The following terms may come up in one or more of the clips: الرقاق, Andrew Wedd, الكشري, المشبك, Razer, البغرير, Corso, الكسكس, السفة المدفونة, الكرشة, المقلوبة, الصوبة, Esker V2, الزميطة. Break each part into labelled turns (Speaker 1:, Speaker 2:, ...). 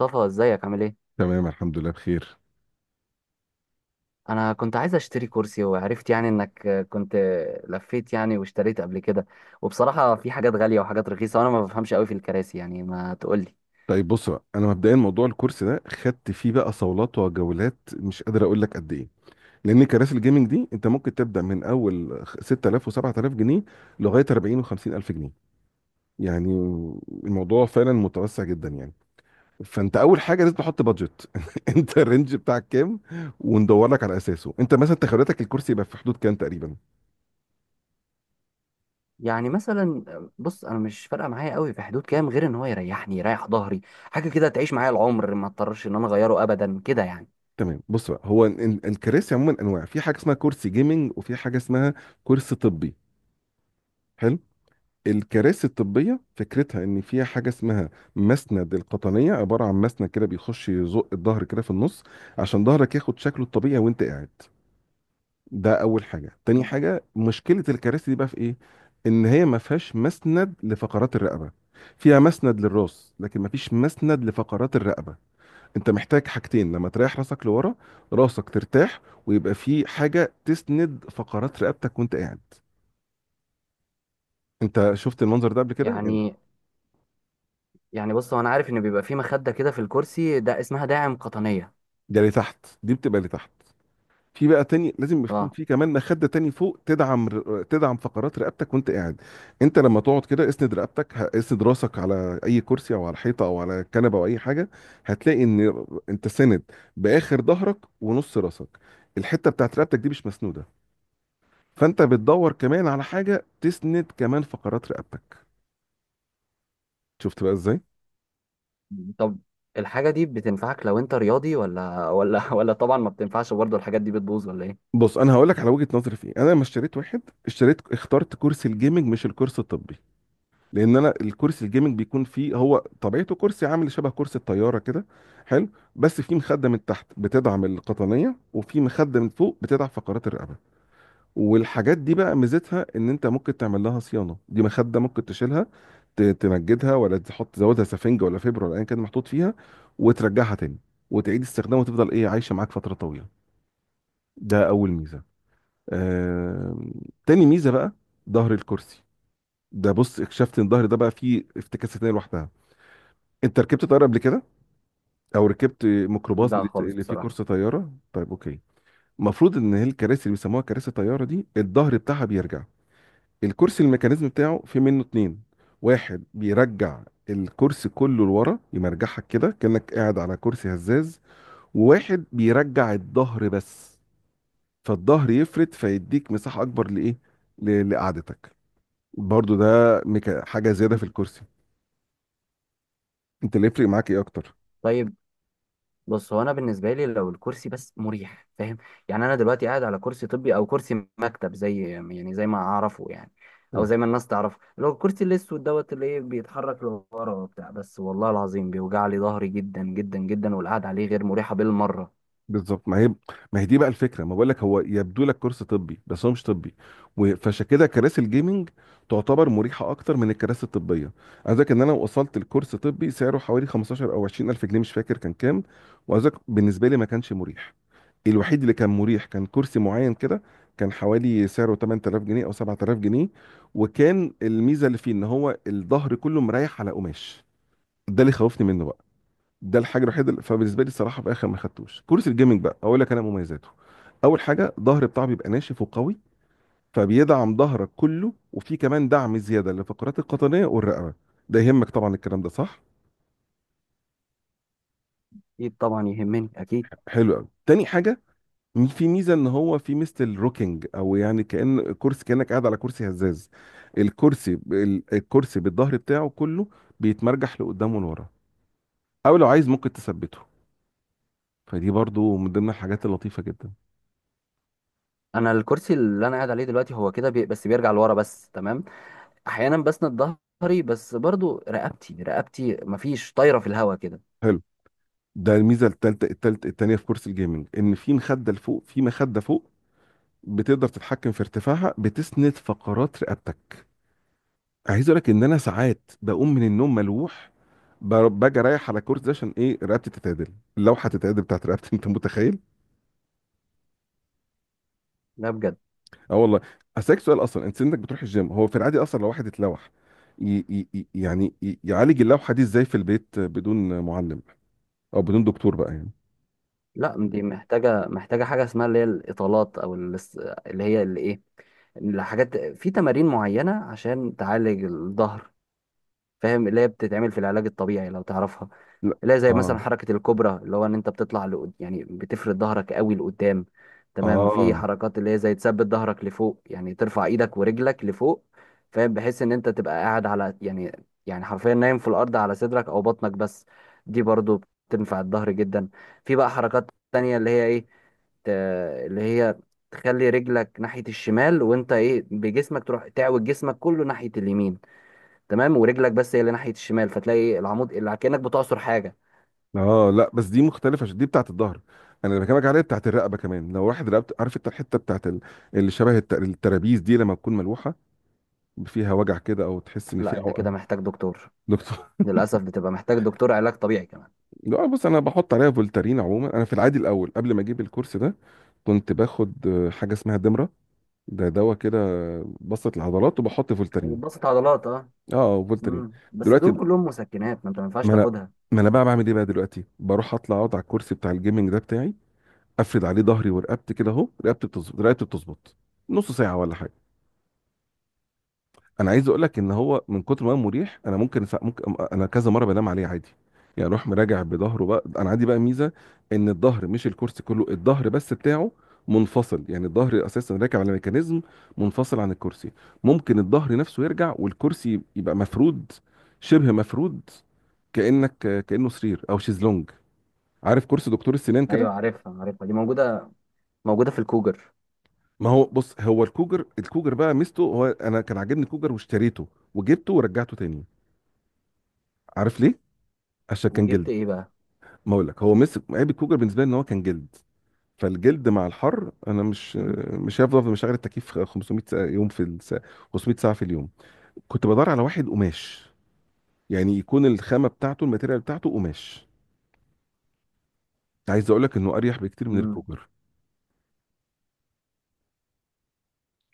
Speaker 1: مصطفى ازيك عامل ايه؟
Speaker 2: تمام، الحمد لله بخير.
Speaker 1: انا كنت عايز اشتري كرسي وعرفت انك كنت لفيت واشتريت قبل كده، وبصراحة في حاجات غالية وحاجات رخيصة وانا ما بفهمش قوي في الكراسي، يعني ما تقولي.
Speaker 2: طيب، بص بقى، انا مبدئيا موضوع الكورس ده خدت فيه بقى صولات وجولات، مش قادر اقول لك قد ايه. لان كراسي الجيمنج دي انت ممكن تبدا من اول 6000 و7000 جنيه لغايه 40 و50 الف جنيه، يعني الموضوع فعلا متوسع جدا، يعني. فانت اول حاجه لازم تحط بادجت. انت الرينج بتاعك كام؟ وندور لك على اساسه. انت مثلا تخيلاتك الكرسي يبقى في حدود كام تقريبا؟
Speaker 1: يعني مثلا بص، انا مش فارقة معايا قوي في حدود كام، غير ان هو يريحني يريح ظهري، حاجة كده تعيش معايا العمر ما اضطرش ان انا اغيره ابدا كده
Speaker 2: تمام، بص بقى، هو الكراسي عموما انواع. في حاجه اسمها كرسي جيمنج، وفي حاجه اسمها كرسي طبي. حلو. الكراسي الطبية فكرتها إن فيها حاجة اسمها مسند القطنية، عبارة عن مسند كده بيخش يزق الظهر كده في النص عشان ظهرك ياخد شكله الطبيعي وأنت قاعد. ده أول حاجة. تاني حاجة، مشكلة الكراسي دي بقى في إيه؟ إن هي ما فيهاش مسند لفقرات الرقبة. فيها مسند للراس لكن ما فيش مسند لفقرات الرقبة. أنت محتاج حاجتين، لما تريح راسك لورا راسك ترتاح ويبقى في حاجة تسند فقرات رقبتك وأنت قاعد. أنت شفت المنظر ده قبل كده؟ يعني
Speaker 1: يعني بص. هو انا عارف ان بيبقى في مخدة كده في الكرسي ده اسمها داعم قطنية.
Speaker 2: ده لتحت، دي بتبقى لتحت. في بقى تاني لازم يكون
Speaker 1: اه.
Speaker 2: في كمان مخدة تاني فوق تدعم تدعم فقرات رقبتك وانت قاعد. انت لما تقعد كده اسند رقبتك، اسند راسك على اي كرسي او على حيطة او على كنبة او اي حاجة. هتلاقي ان انت ساند باخر ظهرك ونص راسك، الحتة بتاعت رقبتك دي مش مسنودة. فانت بتدور كمان على حاجة تسند كمان فقرات رقبتك. شفت بقى ازاي؟
Speaker 1: طب الحاجة دي بتنفعك لو انت رياضي ولا ولا طبعا ما بتنفعش؟ برضه الحاجات دي بتبوظ ولا ايه؟
Speaker 2: بص، انا هقول لك على وجهة نظري في ايه. انا لما اشتريت واحد، اشتريت اخترت كرسي الجيمنج مش الكرسي الطبي. لان انا الكرسي الجيمنج بيكون فيه، هو طبيعته كرسي عامل شبه كرسي الطياره كده. حلو. بس فيه مخده من تحت بتدعم القطنيه، وفي مخده من فوق بتدعم فقرات الرقبه. والحاجات دي بقى ميزتها ان انت ممكن تعمل لها صيانه. دي مخده ممكن تشيلها، تمجدها ولا تحط تزودها سفنجه ولا فبره ولا ايا كان محطوط فيها وترجعها تاني وتعيد استخدامها وتفضل ايه، عايشه معاك فتره طويله. ده اول ميزه. آم، تاني ميزه بقى ظهر الكرسي ده، بص اكتشفت ان الظهر ده بقى فيه افتكاسات لوحدها. انت ركبت طياره قبل كده؟ او ركبت ميكروباص
Speaker 1: لا خالص
Speaker 2: اللي فيه
Speaker 1: بصراحة.
Speaker 2: كرسي طياره؟ طيب، اوكي. المفروض ان هي الكراسي اللي بيسموها كراسي طياره دي الظهر بتاعها بيرجع. الكرسي الميكانيزم بتاعه في منه اتنين. واحد بيرجع الكرسي كله لورا يمرجحك كده كانك قاعد على كرسي هزاز، وواحد بيرجع الظهر بس. فالظهر يفرد فيديك مساحه اكبر لايه، لقعدتك. برضو ده حاجه زياده في الكرسي. انت اللي يفرق معاك ايه اكتر؟
Speaker 1: طيب بص، هو انا بالنسبة لي لو الكرسي بس مريح، فاهم؟ يعني انا دلوقتي قاعد على كرسي طبي او كرسي مكتب زي زي ما اعرفه، يعني او زي ما الناس تعرفه، اللي هو الكرسي الاسود دوت اللي ايه بيتحرك لورا وبتاع، بس والله العظيم بيوجع لي ظهري جدا جدا جدا، والقعدة عليه غير مريحة بالمرة.
Speaker 2: بالظبط، ما هي، ما هي دي بقى الفكره. ما بقول لك، هو يبدو لك كورس طبي بس هو مش طبي. فعشان كده كراسي الجيمنج تعتبر مريحه اكتر من الكراسي الطبيه. عايز أقولك ان انا وصلت لكورس طبي سعره حوالي 15 او 20 الف جنيه، مش فاكر كان كام. وعايز أقولك بالنسبه لي ما كانش مريح. الوحيد اللي كان مريح كان كرسي معين كده، كان حوالي سعره 8000 جنيه او 7000 جنيه، وكان الميزه اللي فيه ان هو الظهر كله مريح على قماش. ده اللي خوفني منه. ده الحاجه الوحيده فبالنسبه لي الصراحه في الاخر ما خدتوش كرسي الجيمنج بقى. اقول لك انا مميزاته، اول حاجه ظهر بتاعه بيبقى ناشف وقوي، فبيدعم ظهرك كله وفي كمان دعم زياده للفقرات القطنيه والرقبه. ده يهمك طبعا، الكلام ده صح؟
Speaker 1: اكيد طبعا يهمني اكيد.
Speaker 2: حلو قوي. تاني حاجه، في ميزه ان هو في ميزه الروكينج، او يعني كان كرسي كانك قاعد على كرسي هزاز. الكرسي الكرسي بالظهر بتاعه كله بيتمرجح لقدام ولورا، او لو عايز ممكن تثبته. فدي برضو من ضمن الحاجات اللطيفه جدا.
Speaker 1: انا الكرسي اللي انا قاعد عليه دلوقتي هو كده بس بيرجع لورا بس، تمام. احيانا بسند ظهري، بس برضو رقبتي مفيش، طايره في الهوا كده.
Speaker 2: حلو. ده الميزه التالتة، التالتة التانيه في كورس الجيمنج، ان في مخده لفوق، في مخده فوق بتقدر تتحكم في ارتفاعها بتسند فقرات رقبتك. عايز اقول لك ان انا ساعات بقوم من النوم ملوح، باجي رايح على الكورس ده عشان ايه؟ رقبتي تتعدل، اللوحه تتعدل بتاعت رقبتي. انت متخيل؟
Speaker 1: لا بجد.
Speaker 2: اه والله. اسالك سؤال اصلا، انت سنك بتروح الجيم؟ هو في العادي اصلا لو واحد اتلوح يعالج اللوحه دي ازاي في البيت بدون معلم او بدون دكتور بقى يعني؟
Speaker 1: لا، دي محتاجه حاجه اسمها اللي هي الاطالات او اللي هي اللي ايه، الحاجات، في تمارين معينه عشان تعالج الظهر، فاهم؟ اللي هي بتتعمل في العلاج الطبيعي، لو تعرفها.
Speaker 2: لا.
Speaker 1: اللي هي زي مثلا
Speaker 2: اه.
Speaker 1: حركة الكوبرا، اللي هو ان انت بتطلع لقد... يعني بتفرد ظهرك قوي لقدام. تمام. في
Speaker 2: اه.
Speaker 1: حركات اللي هي زي تثبت ظهرك لفوق، يعني ترفع ايدك ورجلك لفوق، فاهم؟ بحيث ان انت تبقى قاعد على حرفيا نايم في الارض على صدرك او بطنك بس. دي برضو بتنفع الظهر جدا. في بقى حركات تانية اللي هي ايه، ت- اللي هي تخلي رجلك ناحية الشمال، وانت ايه بجسمك تروح تعوج جسمك كله ناحية اليمين، تمام، ورجلك بس هي اللي ناحيه الشمال، فتلاقي العمود اللي كانك بتعصر حاجه.
Speaker 2: اه. لا بس دي مختلفه عشان دي بتاعت الظهر. انا اللي بكلمك عليها بتاعت الرقبه كمان. لو واحد رقبته، عارف انت الحته بتاعت اللي شبه الترابيز دي لما تكون ملوحه، فيها وجع كده او تحس ان
Speaker 1: لا
Speaker 2: فيها
Speaker 1: انت كده
Speaker 2: عقم.
Speaker 1: محتاج دكتور.
Speaker 2: دكتور.
Speaker 1: للاسف بتبقى محتاج دكتور علاج طبيعي كمان.
Speaker 2: لا بص، انا بحط عليها فولتارين. عموما انا في العادي الاول قبل ما اجيب الكورس ده، كنت باخد حاجه اسمها دمره. ده دواء كده بسط العضلات، وبحط فولتارين.
Speaker 1: بسط عضلات، اه.
Speaker 2: اه، فولتارين.
Speaker 1: بس
Speaker 2: دلوقتي.
Speaker 1: دول كلهم مسكنات، ما انت ما ينفعش
Speaker 2: ما انا
Speaker 1: تاخدها.
Speaker 2: ما انا بقى بعمل ايه بقى دلوقتي؟ بروح اطلع اقعد على الكرسي بتاع الجيمنج ده بتاعي، افرد عليه ظهري ورقبتي كده اهو. رقبتي بتظبط، رقبتي بتظبط نص ساعه ولا حاجه. انا عايز اقول لك ان هو من كتر ما هو مريح، انا ممكن ممكن انا كذا مره بنام عليه عادي، يعني اروح مراجع بظهره. بقى انا عندي بقى ميزه ان الظهر مش الكرسي كله، الظهر بس بتاعه منفصل. يعني الظهر اساسا راكب على ميكانيزم منفصل عن الكرسي. ممكن الظهر نفسه يرجع والكرسي يبقى مفرود، شبه مفرود، كانك كانه سرير او شيزلونج. عارف كرسي دكتور السنان كده؟
Speaker 1: ايوه، عارفها دي موجوده، موجوده في الكوجر.
Speaker 2: ما هو بص، هو الكوجر، الكوجر بقى ميزته، هو انا كان عاجبني الكوجر واشتريته وجبته ورجعته تاني. عارف ليه؟ عشان كان
Speaker 1: وجبت
Speaker 2: جلد.
Speaker 1: ايه بقى؟
Speaker 2: ما اقول لك، هو مسك عيب الكوجر بالنسبه لي ان هو كان جلد. فالجلد مع الحر انا مش
Speaker 1: امم
Speaker 2: مش هفضل أفضل مشغل التكييف 500 ساعة يوم في الساعة، 500 ساعه في اليوم. كنت بدور على واحد قماش، يعني يكون الخامه بتاعته الماتيريال بتاعته قماش. عايز اقول لك انه اريح بكتير من
Speaker 1: امم
Speaker 2: الكوجر.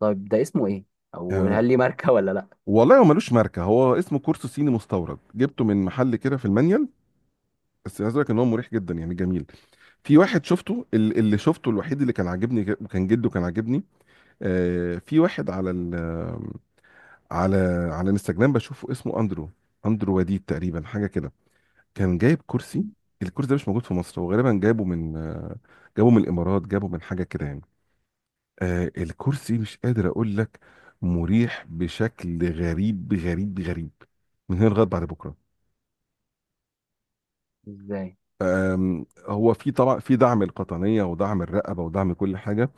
Speaker 1: طيب ده اسمه ايه؟ او
Speaker 2: آه
Speaker 1: هل ليه ماركه ولا لا؟
Speaker 2: والله، هو ملوش ماركه، هو اسمه كورسو صيني مستورد، جبته من محل كده في المانيال. بس عايز اقول لك ان هو مريح جدا، يعني جميل. في واحد شفته اللي شفته الوحيد اللي كان عاجبني كان جده، كان عاجبني. في واحد على على على الانستجرام بشوفه اسمه اندرو. اندرو وديد تقريبا، حاجه كده. كان جايب كرسي.
Speaker 1: مم.
Speaker 2: الكرسي ده مش موجود في مصر، هو غالبا جايبه من، جابه من الامارات، جابه من حاجه كده يعني. الكرسي مش قادر اقول لك، مريح بشكل غريب غريب غريب، من هنا لغايه بعد بكره.
Speaker 1: ازاي؟
Speaker 2: هو في طبعا في دعم القطنيه ودعم الرقبه ودعم كل حاجه.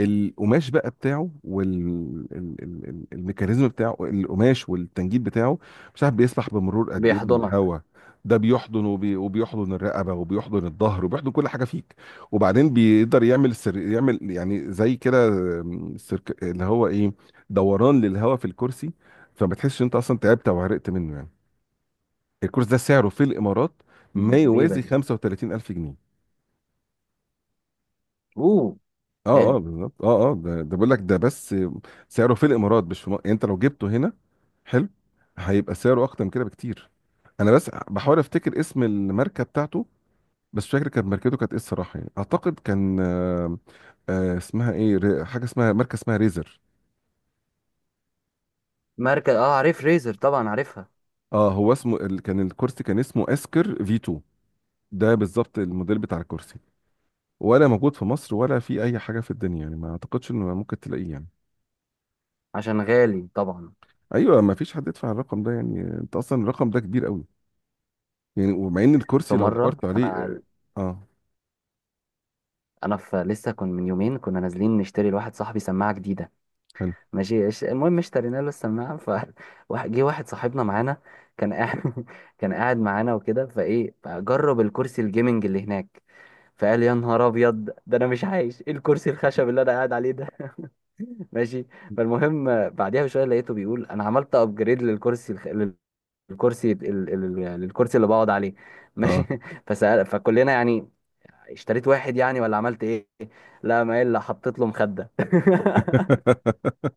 Speaker 2: القماش بقى بتاعه والميكانيزم بتاعه، القماش والتنجيد بتاعه مش عارف بيسمح بمرور قد ايه من
Speaker 1: بيحضنك.
Speaker 2: الهواء. ده بيحضن وبيحضن الرقبه وبيحضن الظهر وبيحضن كل حاجه فيك. وبعدين بيقدر يعمل يعمل يعني زي كده، اللي هو ايه، دوران للهواء في الكرسي، فما تحسش انت اصلا تعبت او عرقت منه يعني. الكرسي ده سعره في الامارات ما
Speaker 1: مم، غريبه
Speaker 2: يوازي
Speaker 1: دي.
Speaker 2: 35000 جنيه.
Speaker 1: اوه،
Speaker 2: اه
Speaker 1: غالي.
Speaker 2: اه، بالظبط. اه اه، ده بقول لك، ده بس سعره في الامارات مش في مصر. يعني انت لو جبته هنا، حلو، هيبقى سعره اكتر من كده بكتير. انا بس بحاول افتكر اسم الماركه بتاعته. بس مش فاكر كانت ماركته كانت ايه الصراحه، يعني اعتقد كان، اسمها ايه، حاجه اسمها ماركه اسمها ريزر.
Speaker 1: ماركه، اه عارف ريزر، طبعا عارفها.
Speaker 2: اه، هو اسمه كان الكرسي كان اسمه اسكر في 2. ده بالظبط الموديل بتاع الكرسي. ولا موجود في مصر ولا في اي حاجه في الدنيا يعني، ما اعتقدش انه ممكن تلاقيه يعني.
Speaker 1: عشان غالي طبعا.
Speaker 2: ايوه، ما فيش حد يدفع الرقم ده يعني، انت اصلا الرقم ده كبير قوي. يعني ومع ان
Speaker 1: في
Speaker 2: الكرسي لو
Speaker 1: مره
Speaker 2: دورت عليه،
Speaker 1: انا،
Speaker 2: اه، آه،
Speaker 1: انا في لسه كنت من يومين كنا نازلين نشتري لواحد صاحبي سماعه جديده.
Speaker 2: حلو
Speaker 1: ماشي، المهم اشترينا له السماعه، ف جه واحد صاحبنا معانا كان قاعد، كان قاعد معانا وكده، فايه جرب الكرسي الجيمنج اللي هناك، فقال يا نهار ابيض ده انا مش عايش، ايه الكرسي الخشب اللي انا قاعد عليه ده؟ ماشي. فالمهم بعديها بشويه لقيته بيقول انا عملت ابجريد للكرسي الخ... للكرسي ال... ال... ال- للكرسي اللي بقعد عليه. ماشي.
Speaker 2: اه.
Speaker 1: فسأل فكلنا، يعني اشتريت واحد يعني ولا عملت ايه؟ لا، ما الا حطيت له مخدة.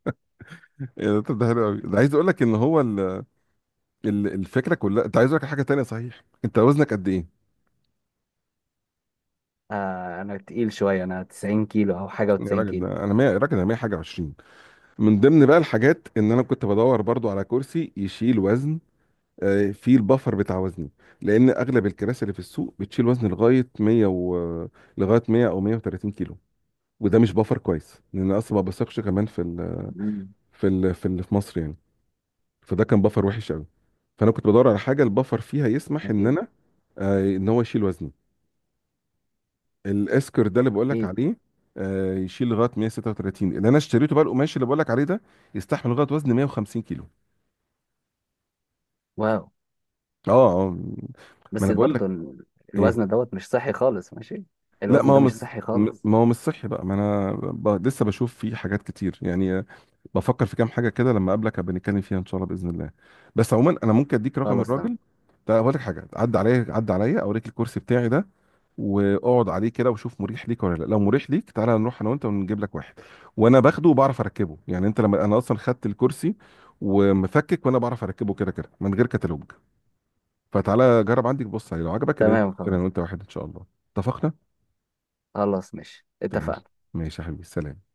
Speaker 2: إيه ده؟ طب ده حلو قوي. ده عايز اقول لك ان هو الفكره كلها. انت عايز اقول لك حاجه تانية صحيح، انت وزنك قد ايه؟
Speaker 1: آه انا تقيل شوية، انا 90 كيلو او حاجة،
Speaker 2: يا
Speaker 1: و90
Speaker 2: راجل
Speaker 1: كيلو.
Speaker 2: ده انا 100، يا راجل انا 100 حاجه 20. من ضمن بقى الحاجات، ان انا كنت بدور برضو على كرسي يشيل وزن، فيه البفر بتاع وزني. لان اغلب الكراسي اللي في السوق بتشيل وزن لغايه 100 و... لغايه 100 او 130 كيلو، وده مش بفر كويس لان أنا اصلا ما بثقش كمان
Speaker 1: مم.
Speaker 2: في مصر يعني. فده كان بفر وحش قوي، فانا كنت بدور على حاجه البفر فيها يسمح ان
Speaker 1: اكيد،
Speaker 2: انا، ان هو يشيل وزني. الاسكر ده اللي بقول لك
Speaker 1: اكيد.
Speaker 2: عليه، يشيل لغايه 136. اللي انا اشتريته بقى القماش اللي بقول لك عليه ده، يستحمل لغايه وزن 150 كيلو.
Speaker 1: واو.
Speaker 2: اه. اه. ما
Speaker 1: بس
Speaker 2: انا بقول لك
Speaker 1: برضه الوزن
Speaker 2: ايه.
Speaker 1: دوت مش صحي خالص، ماشي.
Speaker 2: لا
Speaker 1: الوزن ده مش صحي خالص.
Speaker 2: ما هو مش صحي بقى. ما انا لسه بشوف فيه حاجات كتير يعني، بفكر في كام حاجه كده لما اقابلك، هبقى نتكلم فيها ان شاء الله باذن الله. بس عموما انا ممكن اديك رقم
Speaker 1: خلاص تمام.
Speaker 2: الراجل ده، اقول لك حاجه، عدى عليا عدى عليا اوريك الكرسي بتاعي ده، واقعد عليه كده وشوف مريح ليك ولا لا. لو مريح ليك تعالى نروح انا وانت ونجيب لك واحد، وانا باخده وبعرف اركبه. يعني انت لما، انا اصلا خدت الكرسي ومفكك وانا بعرف اركبه كده كده من غير كتالوج. فتعالى جرب عندك بص عليه، لو عجبك يبقى ننزل
Speaker 1: تمام
Speaker 2: نشتري
Speaker 1: خلاص.
Speaker 2: انا وانت واحد ان شاء الله. اتفقنا.
Speaker 1: خلاص ماشي،
Speaker 2: تمام.
Speaker 1: اتفقنا.
Speaker 2: ماشي يا حبيبي، سلام.